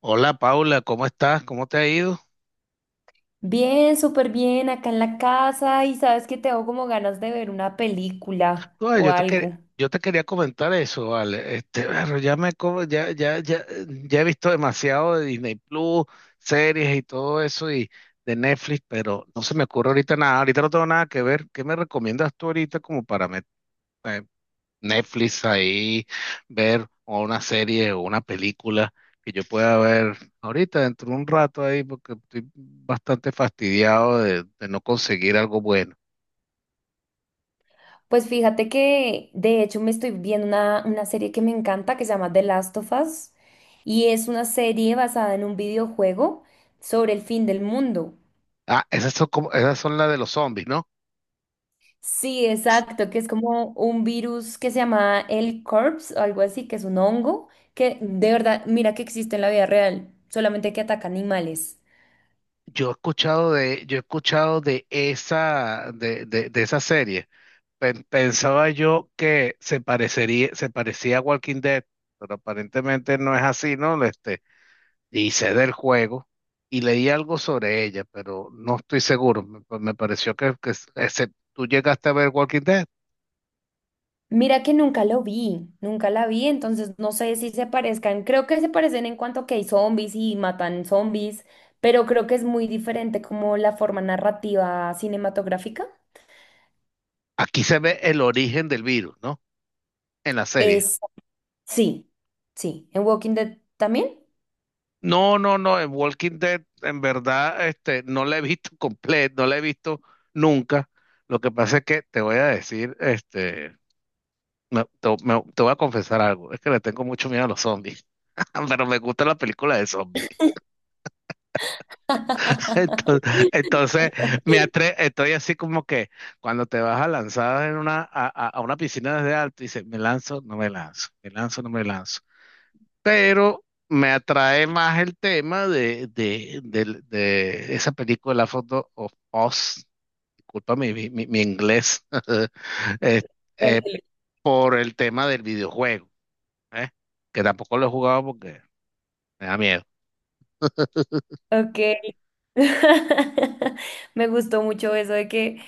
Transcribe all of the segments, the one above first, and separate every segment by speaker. Speaker 1: Hola Paula, ¿cómo estás? ¿Cómo te ha ido?
Speaker 2: Bien, súper bien, acá en la casa y sabes que tengo como ganas de ver una película
Speaker 1: No,
Speaker 2: o algo.
Speaker 1: yo te quería comentar eso, vale. Pero ya he visto demasiado de Disney Plus, series y todo eso y de Netflix, pero no se me ocurre ahorita nada. Ahorita no tengo nada que ver. ¿Qué me recomiendas tú ahorita como eh, Netflix ahí ver o una serie o una película que yo pueda ver ahorita dentro de un rato ahí porque estoy bastante fastidiado de no conseguir algo bueno?
Speaker 2: Pues fíjate que de hecho me estoy viendo una serie que me encanta que se llama The Last of Us y es una serie basada en un videojuego sobre el fin del mundo.
Speaker 1: Ah, esas son como, esas son las de los zombies, ¿no?
Speaker 2: Sí, exacto, que es como un virus que se llama el Corpse o algo así, que es un hongo que de verdad, mira que existe en la vida real, solamente que ataca animales.
Speaker 1: Yo he escuchado de esa, de esa serie. Pensaba yo que se parecía a Walking Dead, pero aparentemente no es así, ¿no? Hice del juego y leí algo sobre ella, pero no estoy seguro. Me pareció tú llegaste a ver Walking Dead.
Speaker 2: Mira que nunca lo vi, nunca la vi, entonces no sé si se parezcan. Creo que se parecen en cuanto que hay zombies y matan zombies, pero creo que es muy diferente como la forma narrativa cinematográfica.
Speaker 1: Aquí se ve el origen del virus, ¿no? En la serie.
Speaker 2: Es, sí, sí. ¿En Walking Dead también?
Speaker 1: No, no, no, en Walking Dead en verdad no la he visto completa, no la he visto nunca. Lo que pasa es que te voy a decir, te voy a confesar algo, es que le tengo mucho miedo a los zombies, pero me gusta la película de zombies. Entonces, entonces me atre estoy así como que cuando te vas a lanzar en una, a una piscina desde alto, dices, me lanzo, no me lanzo, me lanzo, no me lanzo. Pero me atrae más el tema de, de esa película Foto of Oz, disculpa mi inglés, eh, eh,
Speaker 2: Ándale.
Speaker 1: por el tema del videojuego, ¿eh? Que tampoco lo he jugado porque me da miedo.
Speaker 2: Ok. Me gustó mucho eso de que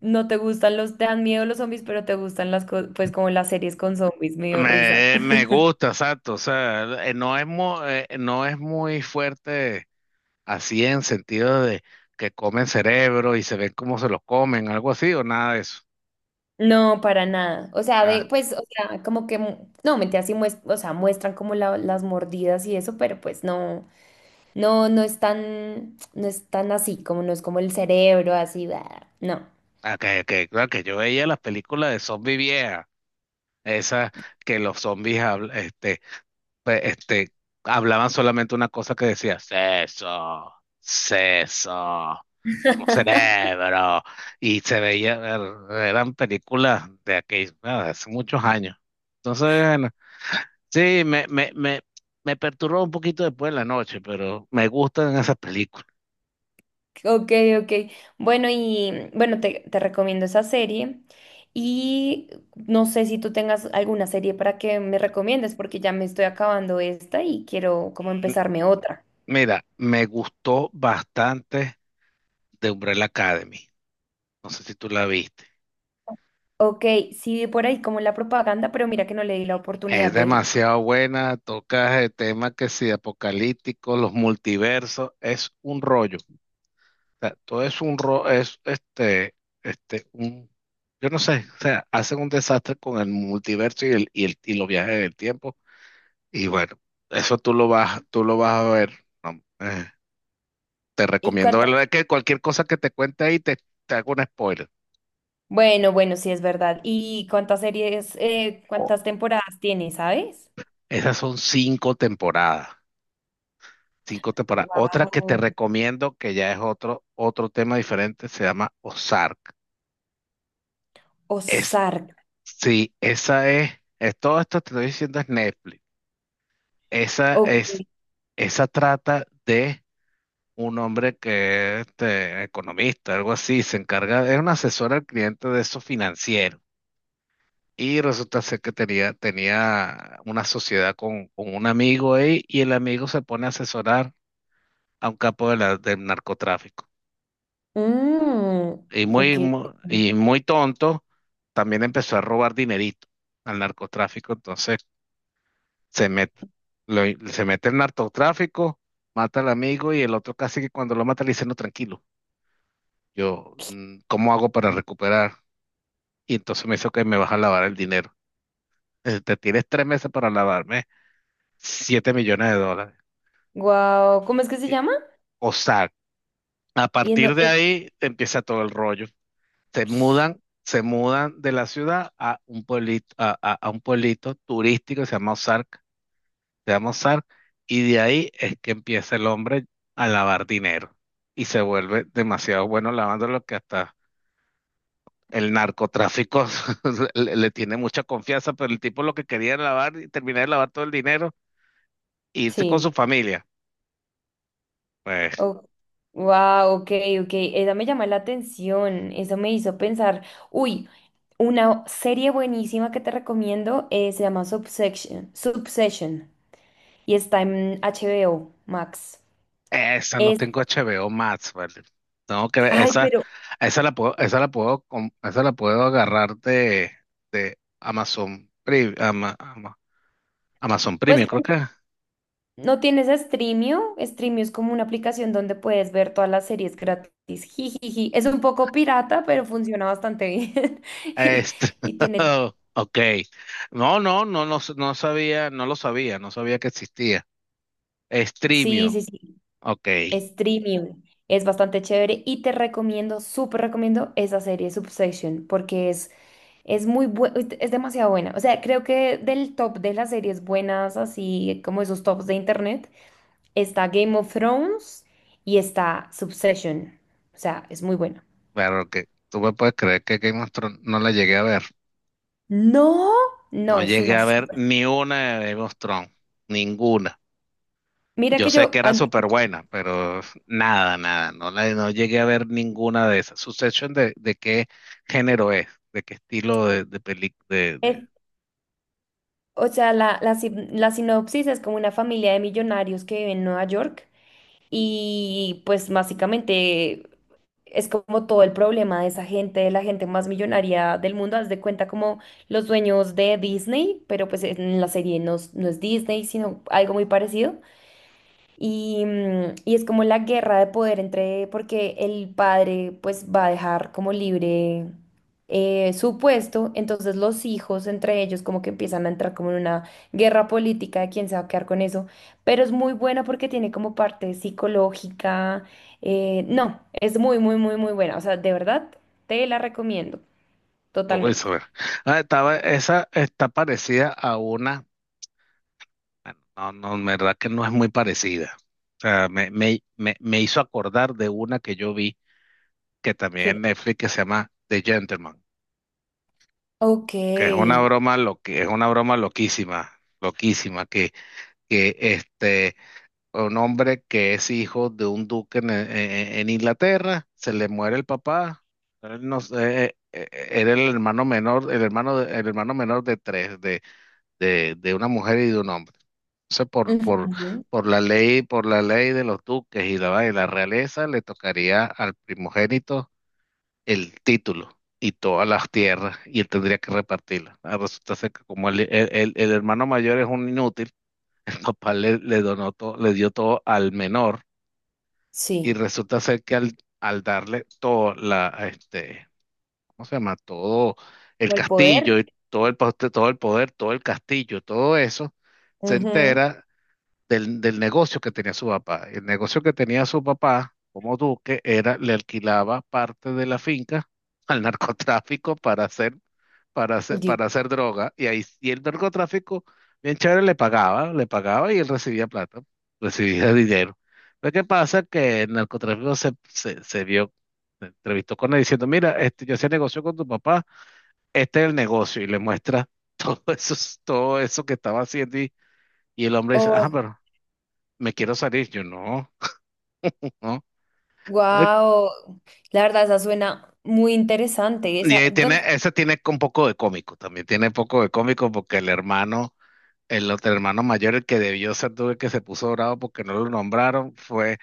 Speaker 2: no te gustan te dan miedo los zombies, pero te gustan las cosas, pues como las series con zombies, me dio risa.
Speaker 1: Me gusta, exacto, o sea, no es muy fuerte así en sentido de que comen cerebro y se ven cómo se lo comen, algo así o nada de eso.
Speaker 2: No, para nada. O sea, pues, o sea, como que, no, mentira, o sea, muestran como las mordidas y eso, pero pues no, no, no es tan así, como no es como el cerebro, así, bah, no.
Speaker 1: Okay, okay, claro que yo veía las películas de zombie viejas, esas que los zombies habl- este, pe- este, hablaban solamente una cosa que decía, seso, seso, como cerebro, y se veía, eran películas de aquellos, ah, hace muchos años. Entonces, bueno, sí, me perturbó un poquito después en la noche, pero me gustan esas películas.
Speaker 2: Ok, ok. Bueno, y bueno, te recomiendo esa serie. Y no sé si tú tengas alguna serie para que me recomiendes, porque ya me estoy acabando esta y quiero como
Speaker 1: M-
Speaker 2: empezarme otra.
Speaker 1: Mira, me gustó bastante de Umbrella Academy. No sé si tú la viste.
Speaker 2: Ok, sí, vi por ahí como la propaganda, pero mira que no le di la oportunidad
Speaker 1: Es
Speaker 2: de.
Speaker 1: demasiado buena, toca el tema que si apocalíptico, los multiversos, es un rollo. O sea, todo es un rollo, es este, este, un, yo no sé, o sea, hacen un desastre con el multiverso y los viajes del tiempo. Y bueno, eso tú lo vas a ver. No, te
Speaker 2: ¿Y
Speaker 1: recomiendo
Speaker 2: cuántas
Speaker 1: verlo. Es que cualquier cosa que te cuente te hago un spoiler.
Speaker 2: Bueno, bueno, sí es verdad. ¿Y cuántas series,
Speaker 1: O-
Speaker 2: cuántas temporadas tiene, sabes?
Speaker 1: esas son cinco temporadas. Cinco temporadas. Otra que te
Speaker 2: Wow.
Speaker 1: recomiendo, que ya es otro tema diferente, se llama Ozark. Es,
Speaker 2: Ozark.
Speaker 1: sí, todo esto te estoy diciendo es Netflix. Esa
Speaker 2: Ok.
Speaker 1: es, esa trata de un hombre que es economista, algo así, se encarga, es un asesor al cliente de eso financiero. Y resulta ser que tenía una sociedad con un amigo ahí y el amigo se pone a asesorar a un capo de del narcotráfico.
Speaker 2: Mm,
Speaker 1: Y
Speaker 2: ok.
Speaker 1: y muy tonto, también empezó a robar dinerito al narcotráfico. Entonces se mete, lo- se mete el narcotráfico, mata al amigo y el otro casi que cuando lo mata le dice, no, tranquilo, yo, ¿cómo hago para recuperar? Y entonces me dice que me vas a lavar el dinero. Te tienes tres meses para lavarme siete millones de dólares.
Speaker 2: Wow. ¿Cómo es que se
Speaker 1: Eh,
Speaker 2: llama?
Speaker 1: O sea, a
Speaker 2: Y en do-
Speaker 1: partir de
Speaker 2: eh,
Speaker 1: ahí empieza todo el rollo. Se mudan de la ciudad a un pueblito, a un pueblito turístico que se llama Ozark, y de ahí es que empieza el hombre a lavar dinero y se vuelve demasiado bueno lavando lo que hasta el narcotráfico le tiene mucha confianza, pero el tipo lo que quería era lavar y terminar de lavar todo el dinero e irse con su
Speaker 2: sí.
Speaker 1: familia. Pues
Speaker 2: Wow, ok, ok. Esa me llama la atención. Eso me hizo pensar. Uy, una serie buenísima que te recomiendo, se llama Subsection. Subsession. Y está en HBO Max.
Speaker 1: esa no
Speaker 2: Es.
Speaker 1: tengo HBO Max, ¿vale? Tengo que ver,
Speaker 2: Ay,
Speaker 1: esa,
Speaker 2: pero.
Speaker 1: esa la puedo agarrar de, Amazon Premium, Amazon
Speaker 2: Pues,
Speaker 1: Premium, creo que.
Speaker 2: ¿no tienes Streamio? Streamio es como una aplicación donde puedes ver todas las series gratis. Jijiji. Es un poco pirata, pero funciona bastante bien. Y,
Speaker 1: Este,
Speaker 2: y tiene.
Speaker 1: ok. No, no, no, no, no sabía, no lo sabía, no sabía que existía.
Speaker 2: Sí, sí,
Speaker 1: Streamio,
Speaker 2: sí.
Speaker 1: ok.
Speaker 2: Streamio. Es bastante chévere y te recomiendo, súper recomiendo esa serie Substation porque es muy buena, es demasiado buena. O sea, creo que del top de las series buenas, así como esos tops de internet, está Game of Thrones y está Subsession. O sea, es muy buena.
Speaker 1: Claro que tú me puedes creer que Game of Thrones no la llegué a ver.
Speaker 2: No,
Speaker 1: No
Speaker 2: no, es
Speaker 1: llegué
Speaker 2: una
Speaker 1: a ver
Speaker 2: super.
Speaker 1: ni una de Game of Thrones, ninguna.
Speaker 2: Mira
Speaker 1: Yo
Speaker 2: que
Speaker 1: sé que
Speaker 2: yo,
Speaker 1: era súper buena, pero nada, nada, no, la, no llegué a ver ninguna de esas. Succession de qué género es, de qué estilo de película,
Speaker 2: es- o sea, la, sin- la sinopsis es como una familia de millonarios que vive en Nueva York y pues básicamente es como todo el problema de esa gente, de la gente más millonaria del mundo. Haz de cuenta como los dueños de Disney, pero pues en la serie no, no es Disney, sino algo muy parecido. Y es como la guerra de poder entre, porque el padre pues va a dejar como libre, su puesto, entonces los hijos entre ellos como que empiezan a entrar como en una guerra política de quién se va a quedar con eso, pero es muy buena porque tiene como parte psicológica, no, es muy, muy, muy, muy buena, o sea, de verdad te la recomiendo
Speaker 1: Uy,
Speaker 2: totalmente.
Speaker 1: sobre- ah, estaba, esa está parecida a una, bueno, no, no, en verdad que no es muy parecida. O sea, me hizo acordar de una que yo vi, que también
Speaker 2: Sí.
Speaker 1: en Netflix, que se llama The Gentleman,
Speaker 2: Ok.
Speaker 1: que es una broma, lo que es una broma loquísima, loquísima, que un hombre que es hijo de un duque en Inglaterra, se le muere el papá, él no sé, era el hermano menor, el hermano, el hermano menor de tres, de una mujer y de un hombre. Entonces,
Speaker 2: Ujú.
Speaker 1: por la ley de los duques y la realeza, le tocaría al primogénito el título y todas las tierras, y él tendría que repartirlas. Ah, resulta ser que como el hermano mayor es un inútil, el papá le donó todo, le dio todo al menor, y
Speaker 2: Sí.
Speaker 1: resulta ser que al darle todo la, ¿cómo se llama? Todo el
Speaker 2: Como el
Speaker 1: castillo,
Speaker 2: poder.
Speaker 1: y todo el, todo el poder, todo el castillo, todo eso, se
Speaker 2: Ujú.
Speaker 1: entera del negocio que tenía su papá. El negocio que tenía su papá como duque era, le alquilaba parte de la finca al narcotráfico para hacer, para hacer,
Speaker 2: Yo-
Speaker 1: para hacer droga. Y ahí, y el narcotráfico, bien chévere, le pagaba y él recibía plata, recibía dinero. Pero ¿qué pasa? Que el narcotráfico se vio, se entrevistó con él diciendo, mira, este, yo hacía negocio con tu papá, este es el negocio, y le muestra todo eso, todo eso que estaba haciendo, y el hombre dice, ah, pero me quiero salir, yo no, no. Ay,
Speaker 2: Wow, la verdad, esa suena muy interesante.
Speaker 1: y
Speaker 2: Esa,
Speaker 1: ahí tiene,
Speaker 2: ¿dónde?
Speaker 1: ese tiene un poco de cómico, también tiene un poco de cómico porque el hermano, el otro hermano mayor, el que debió ser tú, el que se puso bravo porque no lo nombraron, fue,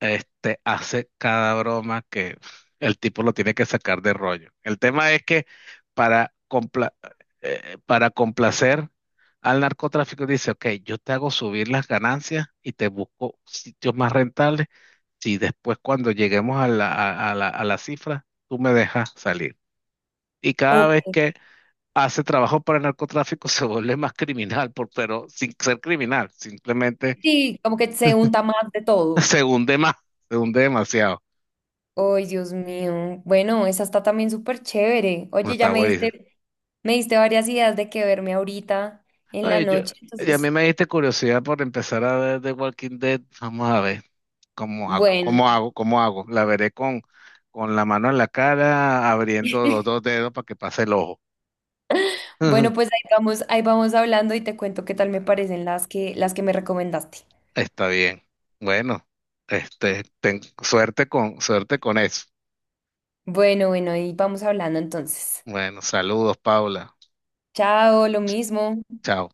Speaker 1: hace cada broma que el tipo lo tiene que sacar de rollo. El tema es que para, compla- para complacer al narcotráfico dice, ok, yo te hago subir las ganancias y te busco sitios más rentables. Si después cuando lleguemos a la, a la cifra, tú me dejas salir. Y cada vez
Speaker 2: Ok.
Speaker 1: que hace trabajo para el narcotráfico se vuelve más criminal, por, pero sin ser criminal, simplemente
Speaker 2: Sí, como que se unta más de todo.
Speaker 1: se hunde más, se hunde demasiado.
Speaker 2: Ay, Dios mío. Bueno, esa está también súper chévere.
Speaker 1: No
Speaker 2: Oye, ya
Speaker 1: está
Speaker 2: me
Speaker 1: buenísimo.
Speaker 2: diste, me diste varias ideas de qué verme ahorita en la
Speaker 1: Ay, yo,
Speaker 2: noche.
Speaker 1: y a mí
Speaker 2: Entonces,
Speaker 1: me diste curiosidad por empezar a ver The Walking Dead. Vamos a ver cómo hago,
Speaker 2: bueno.
Speaker 1: cómo hago, cómo hago. La veré con la mano en la cara, abriendo los dos dedos para que pase el ojo.
Speaker 2: Bueno, pues ahí vamos hablando y te cuento qué tal me parecen las que me recomendaste.
Speaker 1: Está bien. Bueno, suerte con eso.
Speaker 2: Bueno, bueno, ahí vamos hablando entonces.
Speaker 1: Bueno, saludos, Paula.
Speaker 2: Chao, lo mismo.
Speaker 1: Chao.